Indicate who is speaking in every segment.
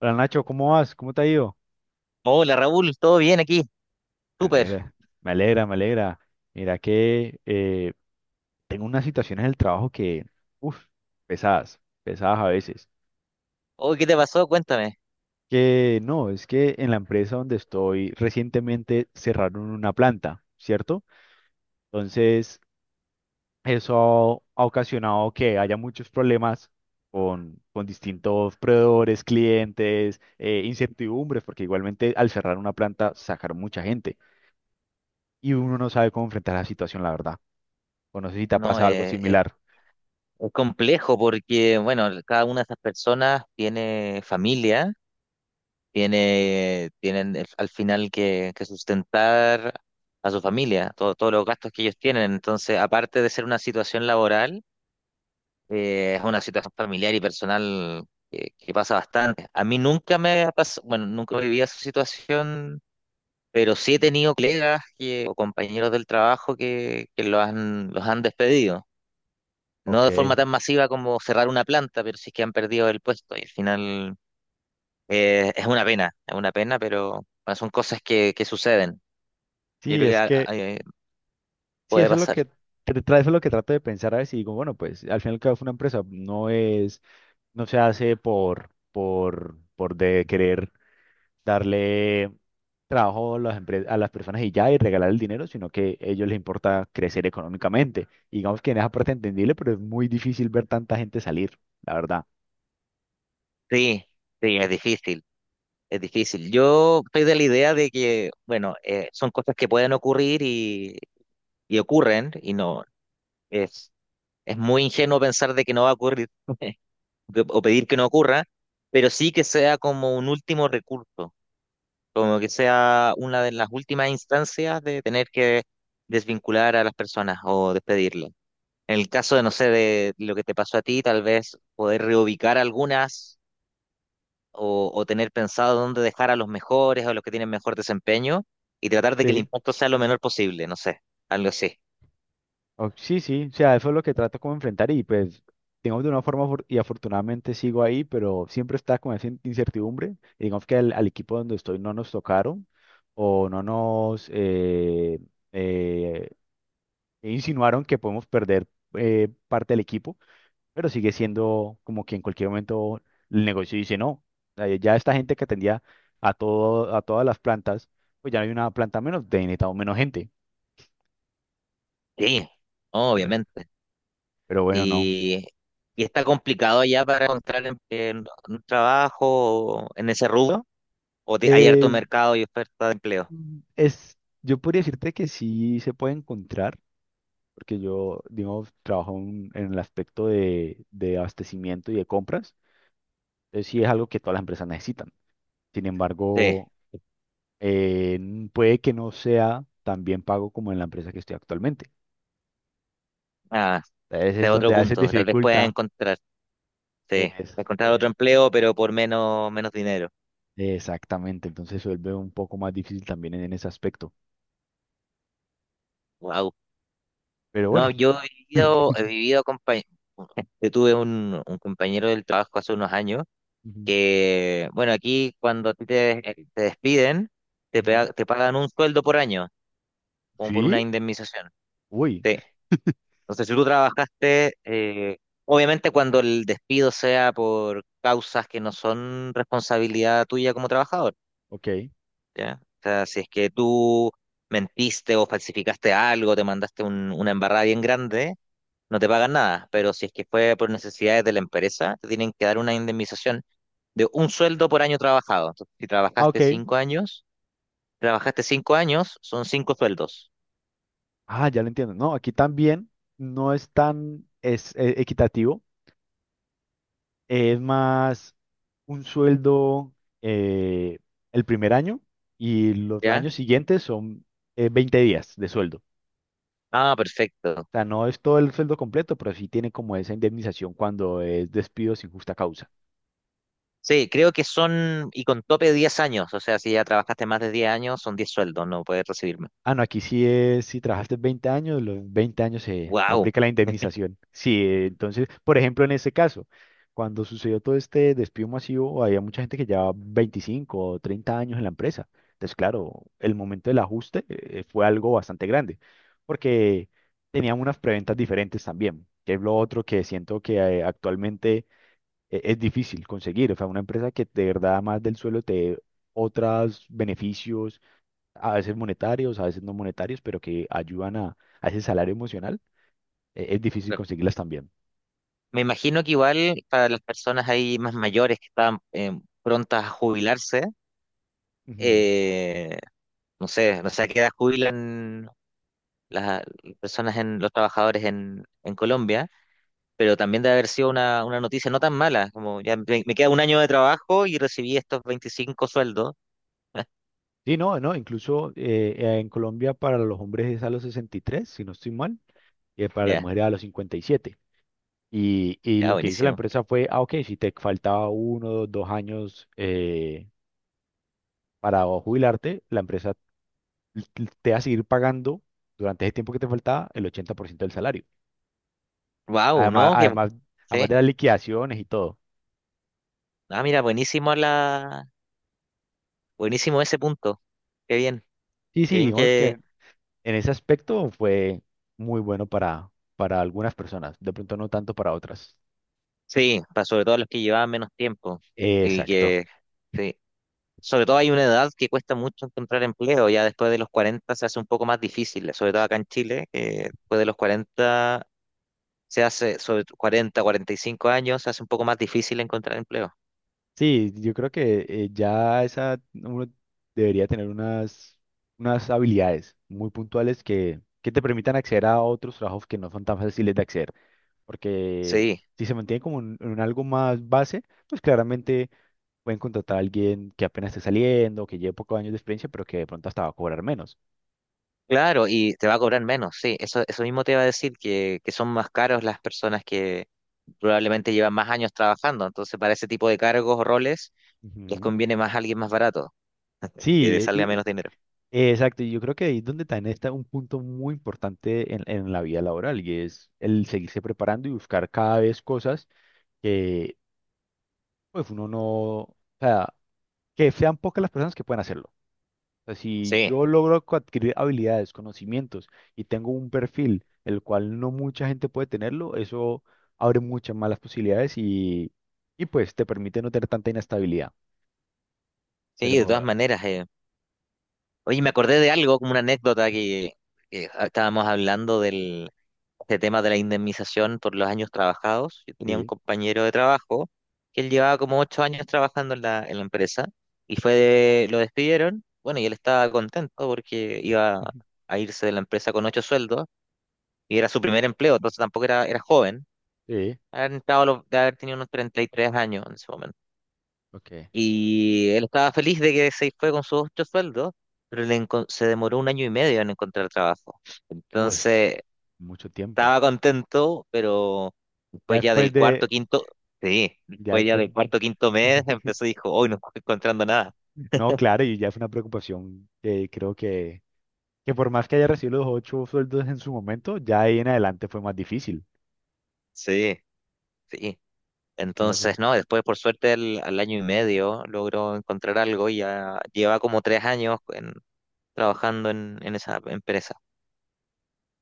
Speaker 1: Hola Nacho, ¿cómo vas? ¿Cómo te ha ido?
Speaker 2: Hola Raúl, ¿todo bien aquí?
Speaker 1: Me
Speaker 2: Súper.
Speaker 1: alegra, me alegra, me alegra. Mira que tengo unas situaciones del trabajo que, uff, pesadas, pesadas a veces.
Speaker 2: Hoy, ¿qué te pasó? Cuéntame.
Speaker 1: Que no, es que en la empresa donde estoy recientemente cerraron una planta, ¿cierto? Entonces, eso ha ocasionado que haya muchos problemas con distintos proveedores, clientes, incertidumbres, porque igualmente al cerrar una planta sacaron mucha gente y
Speaker 2: Sí.
Speaker 1: uno no sabe cómo enfrentar la situación, la verdad. O no sé si te ha
Speaker 2: No,
Speaker 1: pasado algo
Speaker 2: es,
Speaker 1: similar.
Speaker 2: es complejo porque, bueno, cada una de esas personas tiene familia, tienen al final que sustentar a su familia, todos los gastos que ellos tienen. Entonces, aparte de ser una situación laboral, es una situación familiar y personal que pasa bastante. A mí nunca me ha pasado, bueno, nunca viví esa situación. Pero sí he tenido colegas o compañeros del trabajo que los han despedido. No de forma
Speaker 1: Ok.
Speaker 2: tan masiva como cerrar una planta, pero sí que han perdido el puesto. Y al final es una pena, pero bueno, son cosas que suceden. Yo
Speaker 1: Sí,
Speaker 2: creo que
Speaker 1: es que, sí,
Speaker 2: puede
Speaker 1: eso es lo
Speaker 2: pasar.
Speaker 1: que, eso es lo que trato de pensar a veces y digo, bueno, pues al final cada una empresa no es, no se hace por de querer darle trabajo a las, a las personas y ya y regalar el dinero, sino que a ellos les importa crecer económicamente. Y digamos que en esa parte entendible, pero es muy difícil ver tanta gente salir, la verdad.
Speaker 2: Sí, sí, es difícil, es difícil. Yo estoy de la idea de que, bueno, son cosas que pueden ocurrir y ocurren, y no, es, es muy ingenuo pensar de que no va a ocurrir. O pedir que no ocurra, pero sí que sea como un último recurso, como que sea una de las últimas instancias de tener que desvincular a las personas o despedirlas. En el caso de, no sé, de lo que te pasó a ti, tal vez poder reubicar algunas o tener pensado dónde dejar a los mejores o los que tienen mejor desempeño y tratar de que el
Speaker 1: Sí.
Speaker 2: impacto sea lo menor posible, no sé, algo así.
Speaker 1: Sí, sí, o sea, eso es lo que trato como enfrentar y pues, digamos de una forma afortunadamente sigo ahí, pero siempre está con esa incertidumbre. Y digamos que al equipo donde estoy no nos tocaron o no nos eh, insinuaron que podemos perder parte del equipo, pero sigue siendo como que en cualquier momento el negocio dice no. Ya esta gente que atendía a todo, a todas las plantas, pues ya no hay una planta menos, de necesitamos menos gente,
Speaker 2: Sí,
Speaker 1: ¿verdad?
Speaker 2: obviamente.
Speaker 1: Pero bueno, no.
Speaker 2: Y, y está complicado ya para encontrar un trabajo en ese rubro, hay harto mercado y oferta de empleo.
Speaker 1: Mm. Es, yo podría decirte que sí se puede encontrar, porque yo, digamos, trabajo en el aspecto de abastecimiento y de compras. Entonces sí es algo que todas las empresas necesitan. Sin
Speaker 2: Sí,
Speaker 1: embargo, puede que no sea tan bien pago como en la empresa que estoy actualmente.
Speaker 2: ah,
Speaker 1: Entonces
Speaker 2: este
Speaker 1: es
Speaker 2: es otro
Speaker 1: donde a veces
Speaker 2: punto. Tal vez pueda
Speaker 1: dificulta.
Speaker 2: encontrar, sí,
Speaker 1: es-
Speaker 2: encontrar
Speaker 1: eh,
Speaker 2: otro empleo, pero por menos dinero.
Speaker 1: exactamente, entonces se vuelve un poco más difícil también en ese aspecto.
Speaker 2: Wow.
Speaker 1: Pero bueno.
Speaker 2: No, yo he vivido. Yo tuve un compañero del trabajo hace unos años
Speaker 1: Ujú,
Speaker 2: que, bueno, aquí cuando a ti te despiden,
Speaker 1: ujú.
Speaker 2: te pagan un sueldo por año, como por una
Speaker 1: ¿Sí?
Speaker 2: indemnización.
Speaker 1: Uy,
Speaker 2: Sí. No sé si tú trabajaste, obviamente cuando el despido sea por causas que no son responsabilidad tuya como trabajador,
Speaker 1: ok.
Speaker 2: ¿ya? O sea, si es que tú mentiste o falsificaste algo, te mandaste una embarrada bien grande, no te pagan nada, pero si es que fue por necesidades de la empresa, te tienen que dar una indemnización de un sueldo por año trabajado. Entonces, si
Speaker 1: Ah,
Speaker 2: trabajaste
Speaker 1: ok.
Speaker 2: cinco años, trabajaste cinco años, son cinco sueldos,
Speaker 1: Ah, ya lo entiendo. No, aquí también no es tan es, equitativo. Es más un sueldo eh, el primer año y los
Speaker 2: ¿ya?
Speaker 1: años siguientes son 20 días de sueldo. O
Speaker 2: Ah, perfecto.
Speaker 1: sea, no es todo el sueldo completo, pero sí tiene como esa indemnización cuando es despido sin justa causa.
Speaker 2: Sí, creo que son, y con tope de 10 años, o sea, si ya trabajaste más de 10 años, son 10 sueldos, no puedes recibirme.
Speaker 1: Ah, no, aquí sí es, si trabajaste 20 años, los 20 años se
Speaker 2: ¡Wow!
Speaker 1: aplica la indemnización. Sí, entonces, por ejemplo, en este caso, cuando sucedió todo este despido masivo, había mucha gente que llevaba 25 o 30 años en la empresa. Entonces, claro, el momento del ajuste fue algo bastante grande, porque tenían unas preventas diferentes también, que es lo otro que siento que actualmente es difícil conseguir. O sea, una empresa que de verdad, más del suelo, te dé otros beneficios a veces monetarios, a veces no monetarios, pero que ayudan a ese salario emocional, es difícil conseguirlas también.
Speaker 2: Me imagino que igual para las personas ahí más mayores que estaban prontas a jubilarse,
Speaker 1: Ujú.
Speaker 2: eh, no sé a qué edad jubilan las personas, los trabajadores en Colombia, pero también debe haber sido una noticia no tan mala, como ya me queda un año de trabajo y recibí estos 25 sueldos.
Speaker 1: Sí, no, no, incluso en Colombia para los hombres es a los 63 si no estoy mal, y para las
Speaker 2: Ya,
Speaker 1: mujeres a los 57 y
Speaker 2: ya,
Speaker 1: lo que hizo la
Speaker 2: buenísimo.
Speaker 1: empresa fue, ah, ok, si te faltaba uno dos años para jubilarte, la empresa l- te va a seguir pagando durante ese tiempo que te faltaba el 80% del salario.
Speaker 2: ¡Wow!
Speaker 1: Además,
Speaker 2: ¿No? Que,
Speaker 1: además,
Speaker 2: sí.
Speaker 1: además de las liquidaciones y todo.
Speaker 2: Ah, mira, buenísimo ese punto. Qué bien,
Speaker 1: Sí,
Speaker 2: qué
Speaker 1: sí,
Speaker 2: bien
Speaker 1: digamos que
Speaker 2: que,
Speaker 1: en ese aspecto fue muy bueno para algunas personas, de pronto no tanto para otras.
Speaker 2: sí, para sobre todo los que llevaban menos tiempo y
Speaker 1: Exacto.
Speaker 2: que, sí, sobre todo hay una edad que cuesta mucho encontrar empleo, ya después de los 40 se hace un poco más difícil, sobre todo acá en Chile, que después de los 40 sobre 40, 45 años se hace un poco más difícil encontrar empleo.
Speaker 1: Sí, yo creo que ya esa uno debería tener unas, unas habilidades muy puntuales que te permitan acceder a otros trabajos que no son tan fáciles de acceder. Porque
Speaker 2: Sí,
Speaker 1: si se mantiene como en algo más base, pues claramente pueden contratar a alguien que apenas esté saliendo, que lleve pocos años de experiencia, pero que de pronto hasta va a cobrar menos.
Speaker 2: claro, y te va a cobrar menos, sí. Eso mismo te iba a decir, que son más caros las personas que probablemente llevan más años trabajando. Entonces, para ese tipo de cargos o roles, les
Speaker 1: Ujú.
Speaker 2: conviene más alguien más barato, que le
Speaker 1: Sí,
Speaker 2: salga
Speaker 1: y,
Speaker 2: menos dinero.
Speaker 1: Exacto, y yo creo que ahí es donde también está un punto muy importante en la vida laboral y es el seguirse preparando y buscar cada vez cosas que pues uno no, o sea, que sean pocas las personas que pueden hacerlo. O sea, si
Speaker 2: Sí,
Speaker 1: yo logro adquirir habilidades, conocimientos y tengo un perfil el cual no mucha gente puede tenerlo, eso abre muchas más las posibilidades y pues te permite no tener tanta inestabilidad.
Speaker 2: sí, de todas
Speaker 1: Pero
Speaker 2: maneras. Oye, me acordé de algo, como una anécdota que, estábamos hablando del este tema de la indemnización por los años trabajados. Yo tenía un
Speaker 1: sí,
Speaker 2: compañero de trabajo que él llevaba como 8 años trabajando en la empresa y fue lo despidieron. Bueno, y él estaba contento porque iba a irse de la empresa con ocho sueldos y era su primer empleo, entonces tampoco era joven.
Speaker 1: sí,
Speaker 2: Había entrado de haber tenido unos 33 años en ese momento.
Speaker 1: ok.
Speaker 2: Y él estaba feliz de que se fue con sus ocho sueldos, pero se demoró un año y medio en encontrar trabajo. Entonces,
Speaker 1: Pues mucho tiempo.
Speaker 2: estaba contento, pero
Speaker 1: Ya
Speaker 2: después ya
Speaker 1: después
Speaker 2: del cuarto,
Speaker 1: de,
Speaker 2: quinto, sí,
Speaker 1: ya
Speaker 2: después ya
Speaker 1: después,
Speaker 2: del cuarto, quinto mes empezó y dijo, hoy no estoy encontrando nada.
Speaker 1: no, claro, y ya fue una preocupación que creo que por más que haya recibido los 8 sueldos en su momento, ya ahí en adelante fue más difícil,
Speaker 2: Sí, sí.
Speaker 1: ¿no?
Speaker 2: Entonces, no, después por suerte al año y medio logró encontrar algo y ya lleva como 3 años trabajando en esa empresa,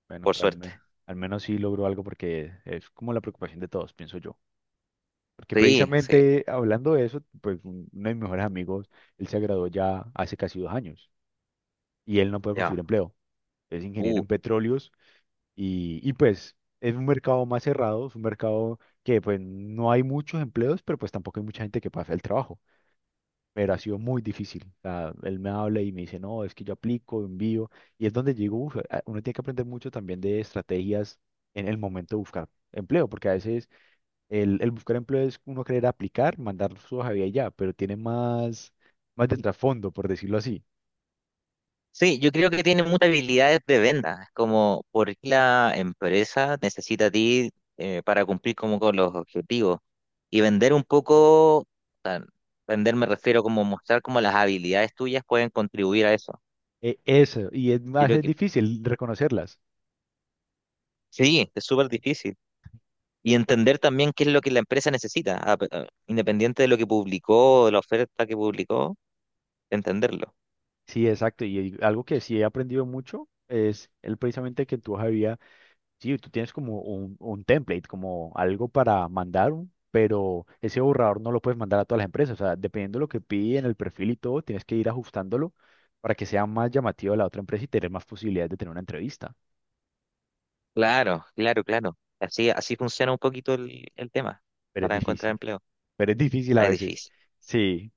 Speaker 1: Bueno,
Speaker 2: por
Speaker 1: pero
Speaker 2: suerte.
Speaker 1: al menos sí logró algo porque es como la preocupación de todos, pienso yo. Porque
Speaker 2: Sí, sí,
Speaker 1: precisamente hablando de eso, pues uno de mis mejores amigos, él se graduó ya hace casi 2 años y él no puede
Speaker 2: ya.
Speaker 1: conseguir empleo. Es ingeniero
Speaker 2: Uh,
Speaker 1: en petróleos, y pues es un mercado más cerrado, es un mercado que pues no hay muchos empleos, pero pues tampoco hay mucha gente que pase el trabajo. Pero ha sido muy difícil. O sea, él me habla y me dice, no, es que yo aplico, envío. Y es donde digo, "Uf, uno tiene que aprender mucho también de estrategias en el momento de buscar empleo, porque a veces el buscar empleo es uno querer aplicar, mandar su hoja de vida y ya, pero tiene más, más de trasfondo, por decirlo así.
Speaker 2: Sí, yo creo que tiene muchas habilidades de venta, como por qué la empresa necesita a ti para cumplir como con los objetivos y vender un poco, o sea, vender me refiero como mostrar como las habilidades tuyas pueden contribuir a eso.
Speaker 1: Eso, y es
Speaker 2: Yo
Speaker 1: más
Speaker 2: creo
Speaker 1: es
Speaker 2: que
Speaker 1: difícil reconocerlas.
Speaker 2: sí, es súper difícil. Y entender también qué es lo que la empresa necesita, independiente de lo que publicó, de la oferta que publicó, entenderlo.
Speaker 1: Sí, exacto. Y algo que sí he aprendido mucho es el precisamente que en tu hoja de vida, sí, tú tienes como un template, como algo para mandar, un- pero ese borrador no lo puedes mandar a todas las empresas. O sea, dependiendo de lo que piden, el perfil y todo, tienes que ir ajustándolo para que sea más llamativo a la otra empresa y tener más posibilidades de tener una entrevista.
Speaker 2: Claro, claro, claro. Así, así funciona un poquito el tema
Speaker 1: Pero es
Speaker 2: para encontrar
Speaker 1: difícil,
Speaker 2: empleo.
Speaker 1: pero es difícil a
Speaker 2: Ah, es
Speaker 1: veces.
Speaker 2: difícil.
Speaker 1: Sí,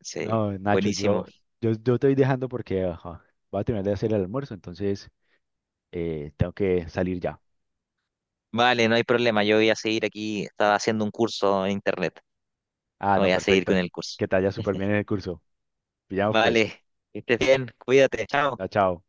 Speaker 2: Sí,
Speaker 1: no, Nacho,
Speaker 2: buenísimo.
Speaker 1: yo te voy dejando porque ajá, voy a terminar de hacer el almuerzo, entonces tengo que salir ya.
Speaker 2: Vale, no hay problema. Yo voy a seguir aquí. Estaba haciendo un curso en internet.
Speaker 1: Ah, no,
Speaker 2: Voy a seguir
Speaker 1: perfecto.
Speaker 2: con el curso.
Speaker 1: Que te haya súper bien en el curso. Pillamos pues.
Speaker 2: Vale, que estés bien. Cuídate. Chao.
Speaker 1: Chao, chao.